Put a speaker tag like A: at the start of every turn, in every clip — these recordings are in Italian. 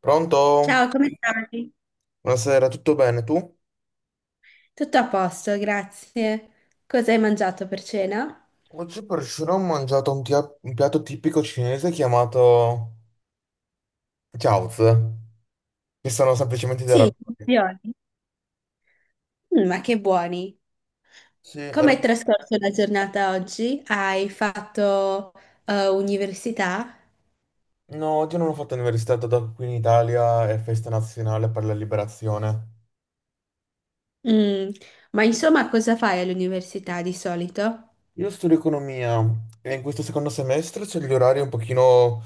A: Pronto?
B: Ciao, come stai?
A: Buonasera, tutto bene tu?
B: Tutto a posto, grazie. Cosa hai mangiato per cena?
A: Oggi per cena ho mangiato un piatto tipico cinese chiamato Chaozi, che sono semplicemente dei
B: Sì,
A: ravioli.
B: ravioli. Mm, ma che buoni.
A: Sì, era...
B: Come hai trascorso la giornata oggi? Hai fatto università?
A: No, oggi non ho fatto l'università, dato che qui in Italia è festa nazionale per la liberazione.
B: Mm. Ma insomma, cosa fai all'università di solito?
A: Io studio economia e in questo secondo semestre c'è gli orari un pochino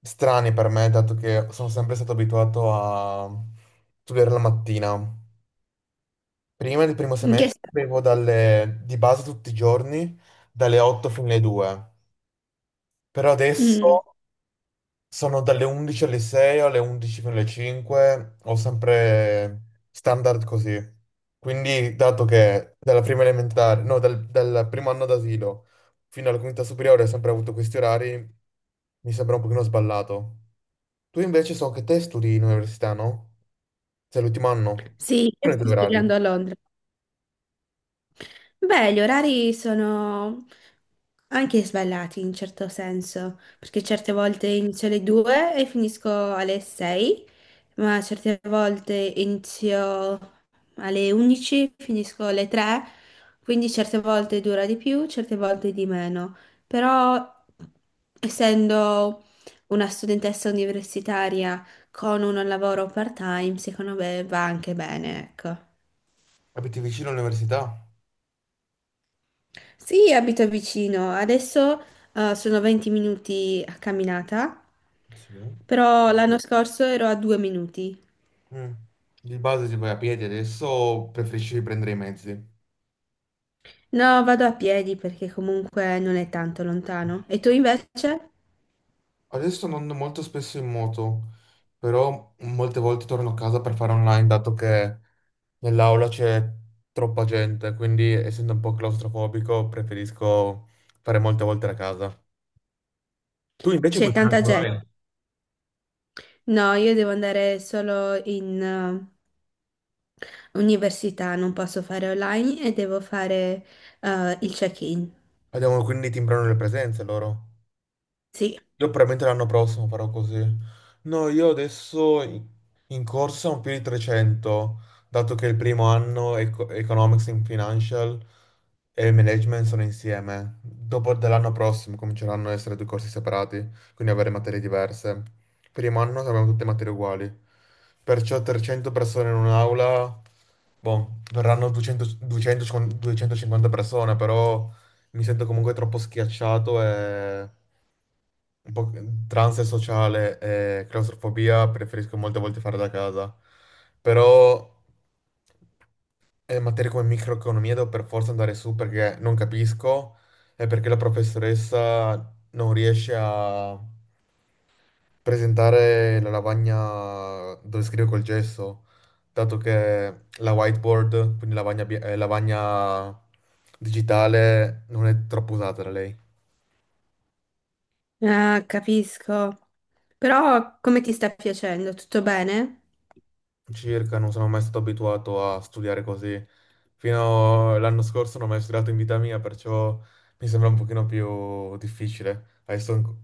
A: strani per me, dato che sono sempre stato abituato a studiare la mattina. Prima del primo
B: In che...
A: semestre
B: sta-
A: avevo dalle, di base tutti i giorni dalle 8 fino alle 2, però
B: Mm.
A: adesso sono dalle 11 alle 6 o alle 11 fino alle 5, ho sempre standard così. Quindi, dato che dalla prima elementare, no, dal primo anno d'asilo fino alla quinta superiore ho sempre avuto questi orari, mi sembra un pochino sballato. Tu invece so che te studi in università, no? Sei l'ultimo anno?
B: Sì, io
A: Sono i
B: sto
A: tuoi orari?
B: studiando a Londra. Beh, gli orari sono anche sballati in certo senso, perché certe volte inizio alle 2 e finisco alle 6, ma certe volte inizio alle 11, finisco alle 3, quindi certe volte dura di più, certe volte di meno. Però, essendo una studentessa universitaria con un lavoro part-time, secondo me va anche bene, ecco.
A: Abiti vicino all'università?
B: Sì, abito vicino. Adesso sono 20 minuti a camminata,
A: Sì.
B: però l'anno scorso ero a due minuti.
A: Mm. Di base si vai a piedi, adesso preferisci prendere i mezzi.
B: No, vado a piedi perché comunque non è tanto lontano. E tu invece?
A: Adesso non ando molto spesso in moto, però molte volte torno a casa per fare online, dato che nell'aula c'è troppa gente, quindi essendo un po' claustrofobico preferisco fare molte volte a casa. Tu invece
B: C'è
A: puoi fare
B: tanta
A: anche
B: gente.
A: online.
B: No, io devo andare solo in università, non posso fare online e devo fare il check-in.
A: Abbiamo quindi timbrano le presenze loro.
B: Sì.
A: Io probabilmente l'anno prossimo farò così. No, io adesso in corsa ho più di 300, dato che il primo anno Economics and Financial e Management sono insieme. Dopo dell'anno prossimo cominceranno a essere due corsi separati, quindi avere materie diverse. Primo anno abbiamo tutte materie uguali. Perciò 300 persone in un'aula, boh, verranno 200 250 persone, però mi sento comunque troppo schiacciato e un po' tra ansia sociale e claustrofobia preferisco molte volte fare da casa. Però materie come microeconomia devo per forza andare su perché non capisco e perché la professoressa non riesce a presentare la lavagna dove scrive col gesso, dato che la whiteboard, quindi lavagna digitale, non è troppo usata da lei.
B: Ah, capisco. Però come ti sta piacendo? Tutto bene?
A: Circa, non sono mai stato abituato a studiare così. Fino all'anno scorso non ho mai studiato in vita mia, perciò mi sembra un pochino più difficile.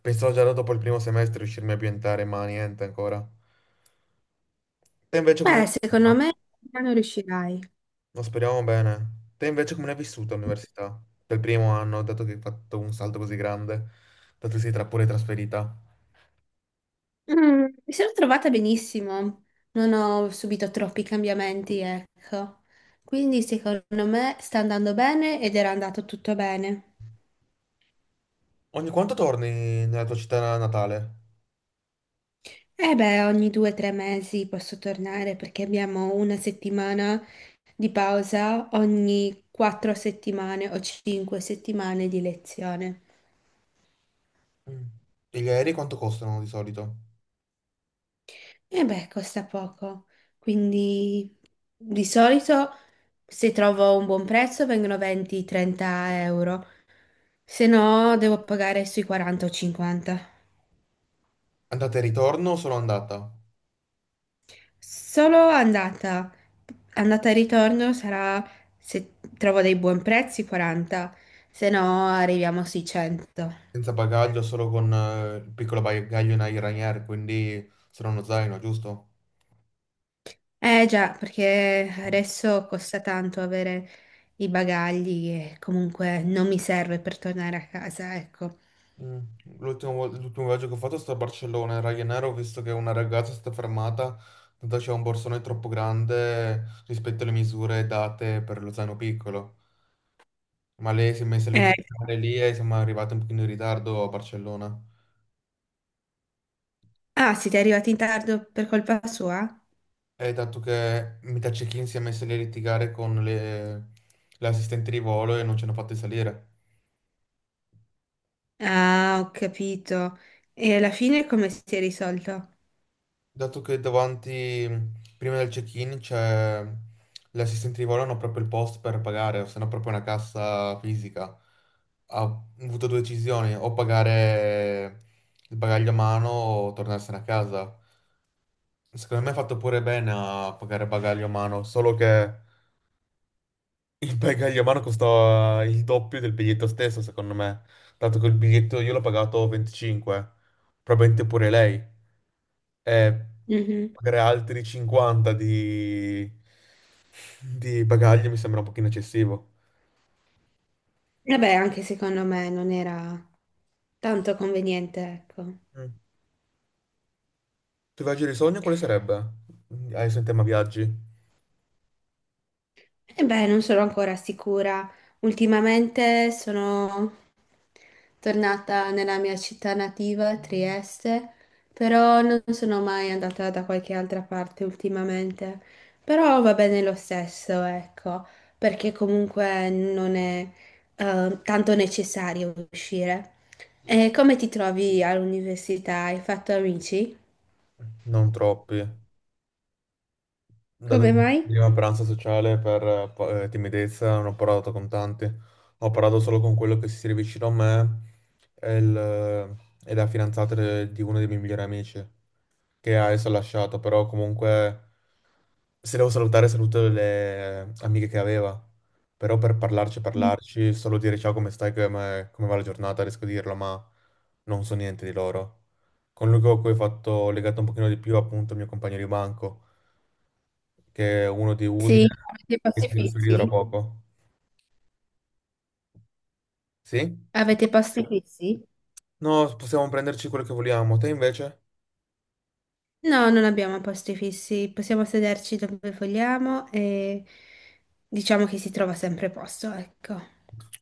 A: Pensavo già dopo il primo semestre riuscirmi a ambientare, ma niente ancora. Te invece come ne hai
B: Beh, secondo
A: vissuta?
B: me non riuscirai.
A: Ma speriamo bene. Te invece come ne hai vissuta all'università? Per il primo anno, dato che hai fatto un salto così grande, dato che sei tra pure trasferita.
B: Mm, mi sono trovata benissimo, non ho subito troppi cambiamenti, ecco. Quindi secondo me sta andando bene ed era andato tutto bene.
A: Ogni quanto torni nella tua città natale?
B: E beh, ogni due o tre mesi posso tornare perché abbiamo una settimana di pausa ogni quattro settimane o cinque settimane di lezione.
A: Mm. Gli aerei quanto costano di solito?
B: E beh, costa poco. Quindi di solito se trovo un buon prezzo vengono 20-30 euro. Se no, devo pagare sui 40 o 50.
A: Andata e ritorno, solo andata,
B: Solo andata. Andata e ritorno sarà, se trovo dei buoni prezzi, 40. Se no, arriviamo sui 100.
A: senza bagaglio, solo con il piccolo bagaglio in Ryanair, quindi solo uno zaino, giusto?
B: Eh già, perché adesso costa tanto avere i bagagli e comunque non mi serve per tornare a casa, ecco.
A: Mm. L'ultimo viaggio che ho fatto è stato a Barcellona, in Ryanair ho visto che una ragazza è stata fermata, tanto c'era un borsone troppo grande rispetto alle misure date per lo zaino piccolo, ma lei si è messa lì a
B: Eh,
A: cercare lì e siamo arrivati un pochino in ritardo a Barcellona.
B: ah, siete arrivati in tardo per colpa sua?
A: E dato che metà check-in si è messa lì a litigare con le assistenti di volo e non ci hanno fatti salire.
B: Ah, ho capito. E alla fine come si è risolto?
A: Dato che davanti, prima del check-in, c'è l'assistente di volo, hanno proprio il post per pagare, o se no proprio una cassa fisica. Ha avuto due decisioni, o pagare il bagaglio a mano o tornarsene a casa. Secondo me ha fatto pure bene a pagare bagaglio a mano, solo che il bagaglio a mano costava il doppio del biglietto stesso, secondo me. Dato che il biglietto io l'ho pagato 25, probabilmente pure lei. E
B: Mhm.
A: pagare altri 50 di bagaglio mi sembra un pochino eccessivo.
B: E beh, anche secondo me non era tanto conveniente, ecco.
A: Mm. Il tuo viaggio di sogno quale sarebbe? Adesso in tema viaggi,
B: E beh, non sono ancora sicura. Ultimamente sono tornata nella mia città nativa, Trieste, però non sono mai andata da qualche altra parte ultimamente. Però va bene lo stesso, ecco, perché comunque non è tanto necessario uscire. E come ti trovi all'università? Hai fatto amici?
A: non troppi. Dato
B: Come
A: che
B: mai?
A: prima pranzo sociale per timidezza non ho parlato con tanti, ho parlato solo con quello che si siede vicino a me e, il, eh, e la fidanzata di uno dei miei migliori amici che adesso ha lasciato, però comunque se devo salutare saluto le amiche che aveva, però per parlarci parlarci, solo dire ciao come stai, come va la giornata, riesco a dirlo, ma non so niente di loro. Con lui con cui ho fatto legato un pochino di più appunto il mio compagno di banco che è uno di
B: Sì,
A: Udine,
B: avete
A: che si
B: posti
A: trasferì da
B: fissi?
A: poco. Sì?
B: Avete posti fissi?
A: No, possiamo prenderci quello che vogliamo. Te invece?
B: No, non abbiamo posti fissi, possiamo sederci dove vogliamo e diciamo che si trova sempre posto, ecco.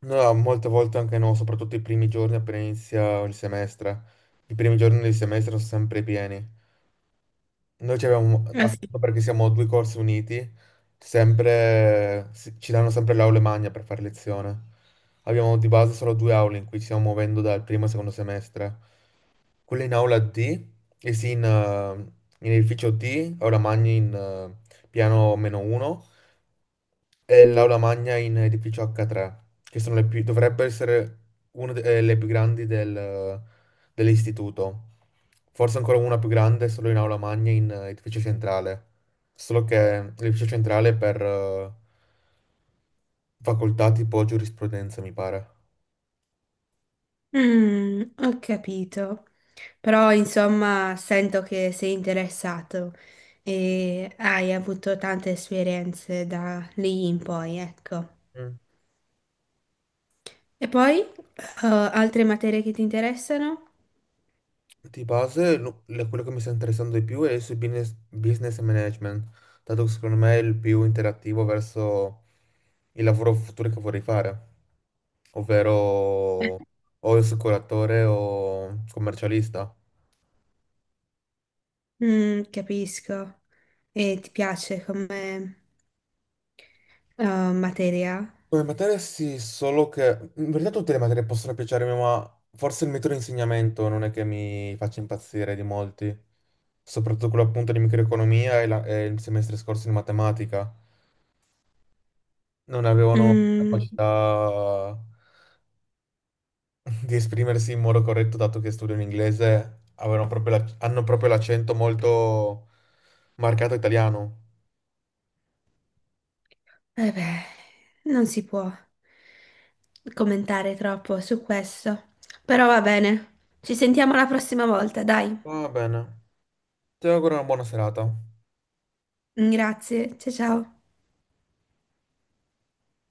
A: No, molte volte anche no, soprattutto i primi giorni appena inizia il semestre. I primi giorni del semestre sono sempre pieni. Noi ci avevamo,
B: Ah, sì.
A: appunto perché siamo due corsi uniti, sempre, ci danno sempre l'aula e magna per fare lezione. Abbiamo di base solo due aule in cui ci stiamo muovendo dal primo e secondo semestre. Quella in aula D, e sì in edificio D, aula magna in piano meno 1, è l'aula magna in edificio H3, che sono le più, dovrebbe essere una delle più grandi dell'istituto. Forse ancora una più grande, solo in aula magna in edificio centrale. Solo che l'edificio centrale è per facoltà tipo giurisprudenza, mi pare.
B: Mm, ho capito. Però, insomma, sento che sei interessato e hai avuto tante esperienze da lì in poi, ecco.
A: Mm.
B: E poi, altre materie che ti interessano?
A: Di base, quello che mi sta interessando di più è il business, business management, dato che secondo me è il più interattivo verso il lavoro futuro che vorrei fare, ovvero o assicuratore o commercialista.
B: Mm, capisco. E ti piace come eh, materia?
A: Come materia sì, solo che in verità tutte le materie possono piacermi, ma forse il metodo di insegnamento non è che mi faccia impazzire di molti, soprattutto quello appunto di microeconomia e il semestre scorso di matematica. Non avevano
B: Mm.
A: capacità di esprimersi in modo corretto, dato che studiano inglese, hanno proprio l'accento molto marcato italiano.
B: Eh beh, non si può commentare troppo su questo. Però va bene. Ci sentiamo la prossima volta, dai.
A: Va bene, ti auguro una buona serata.
B: Grazie, ciao ciao.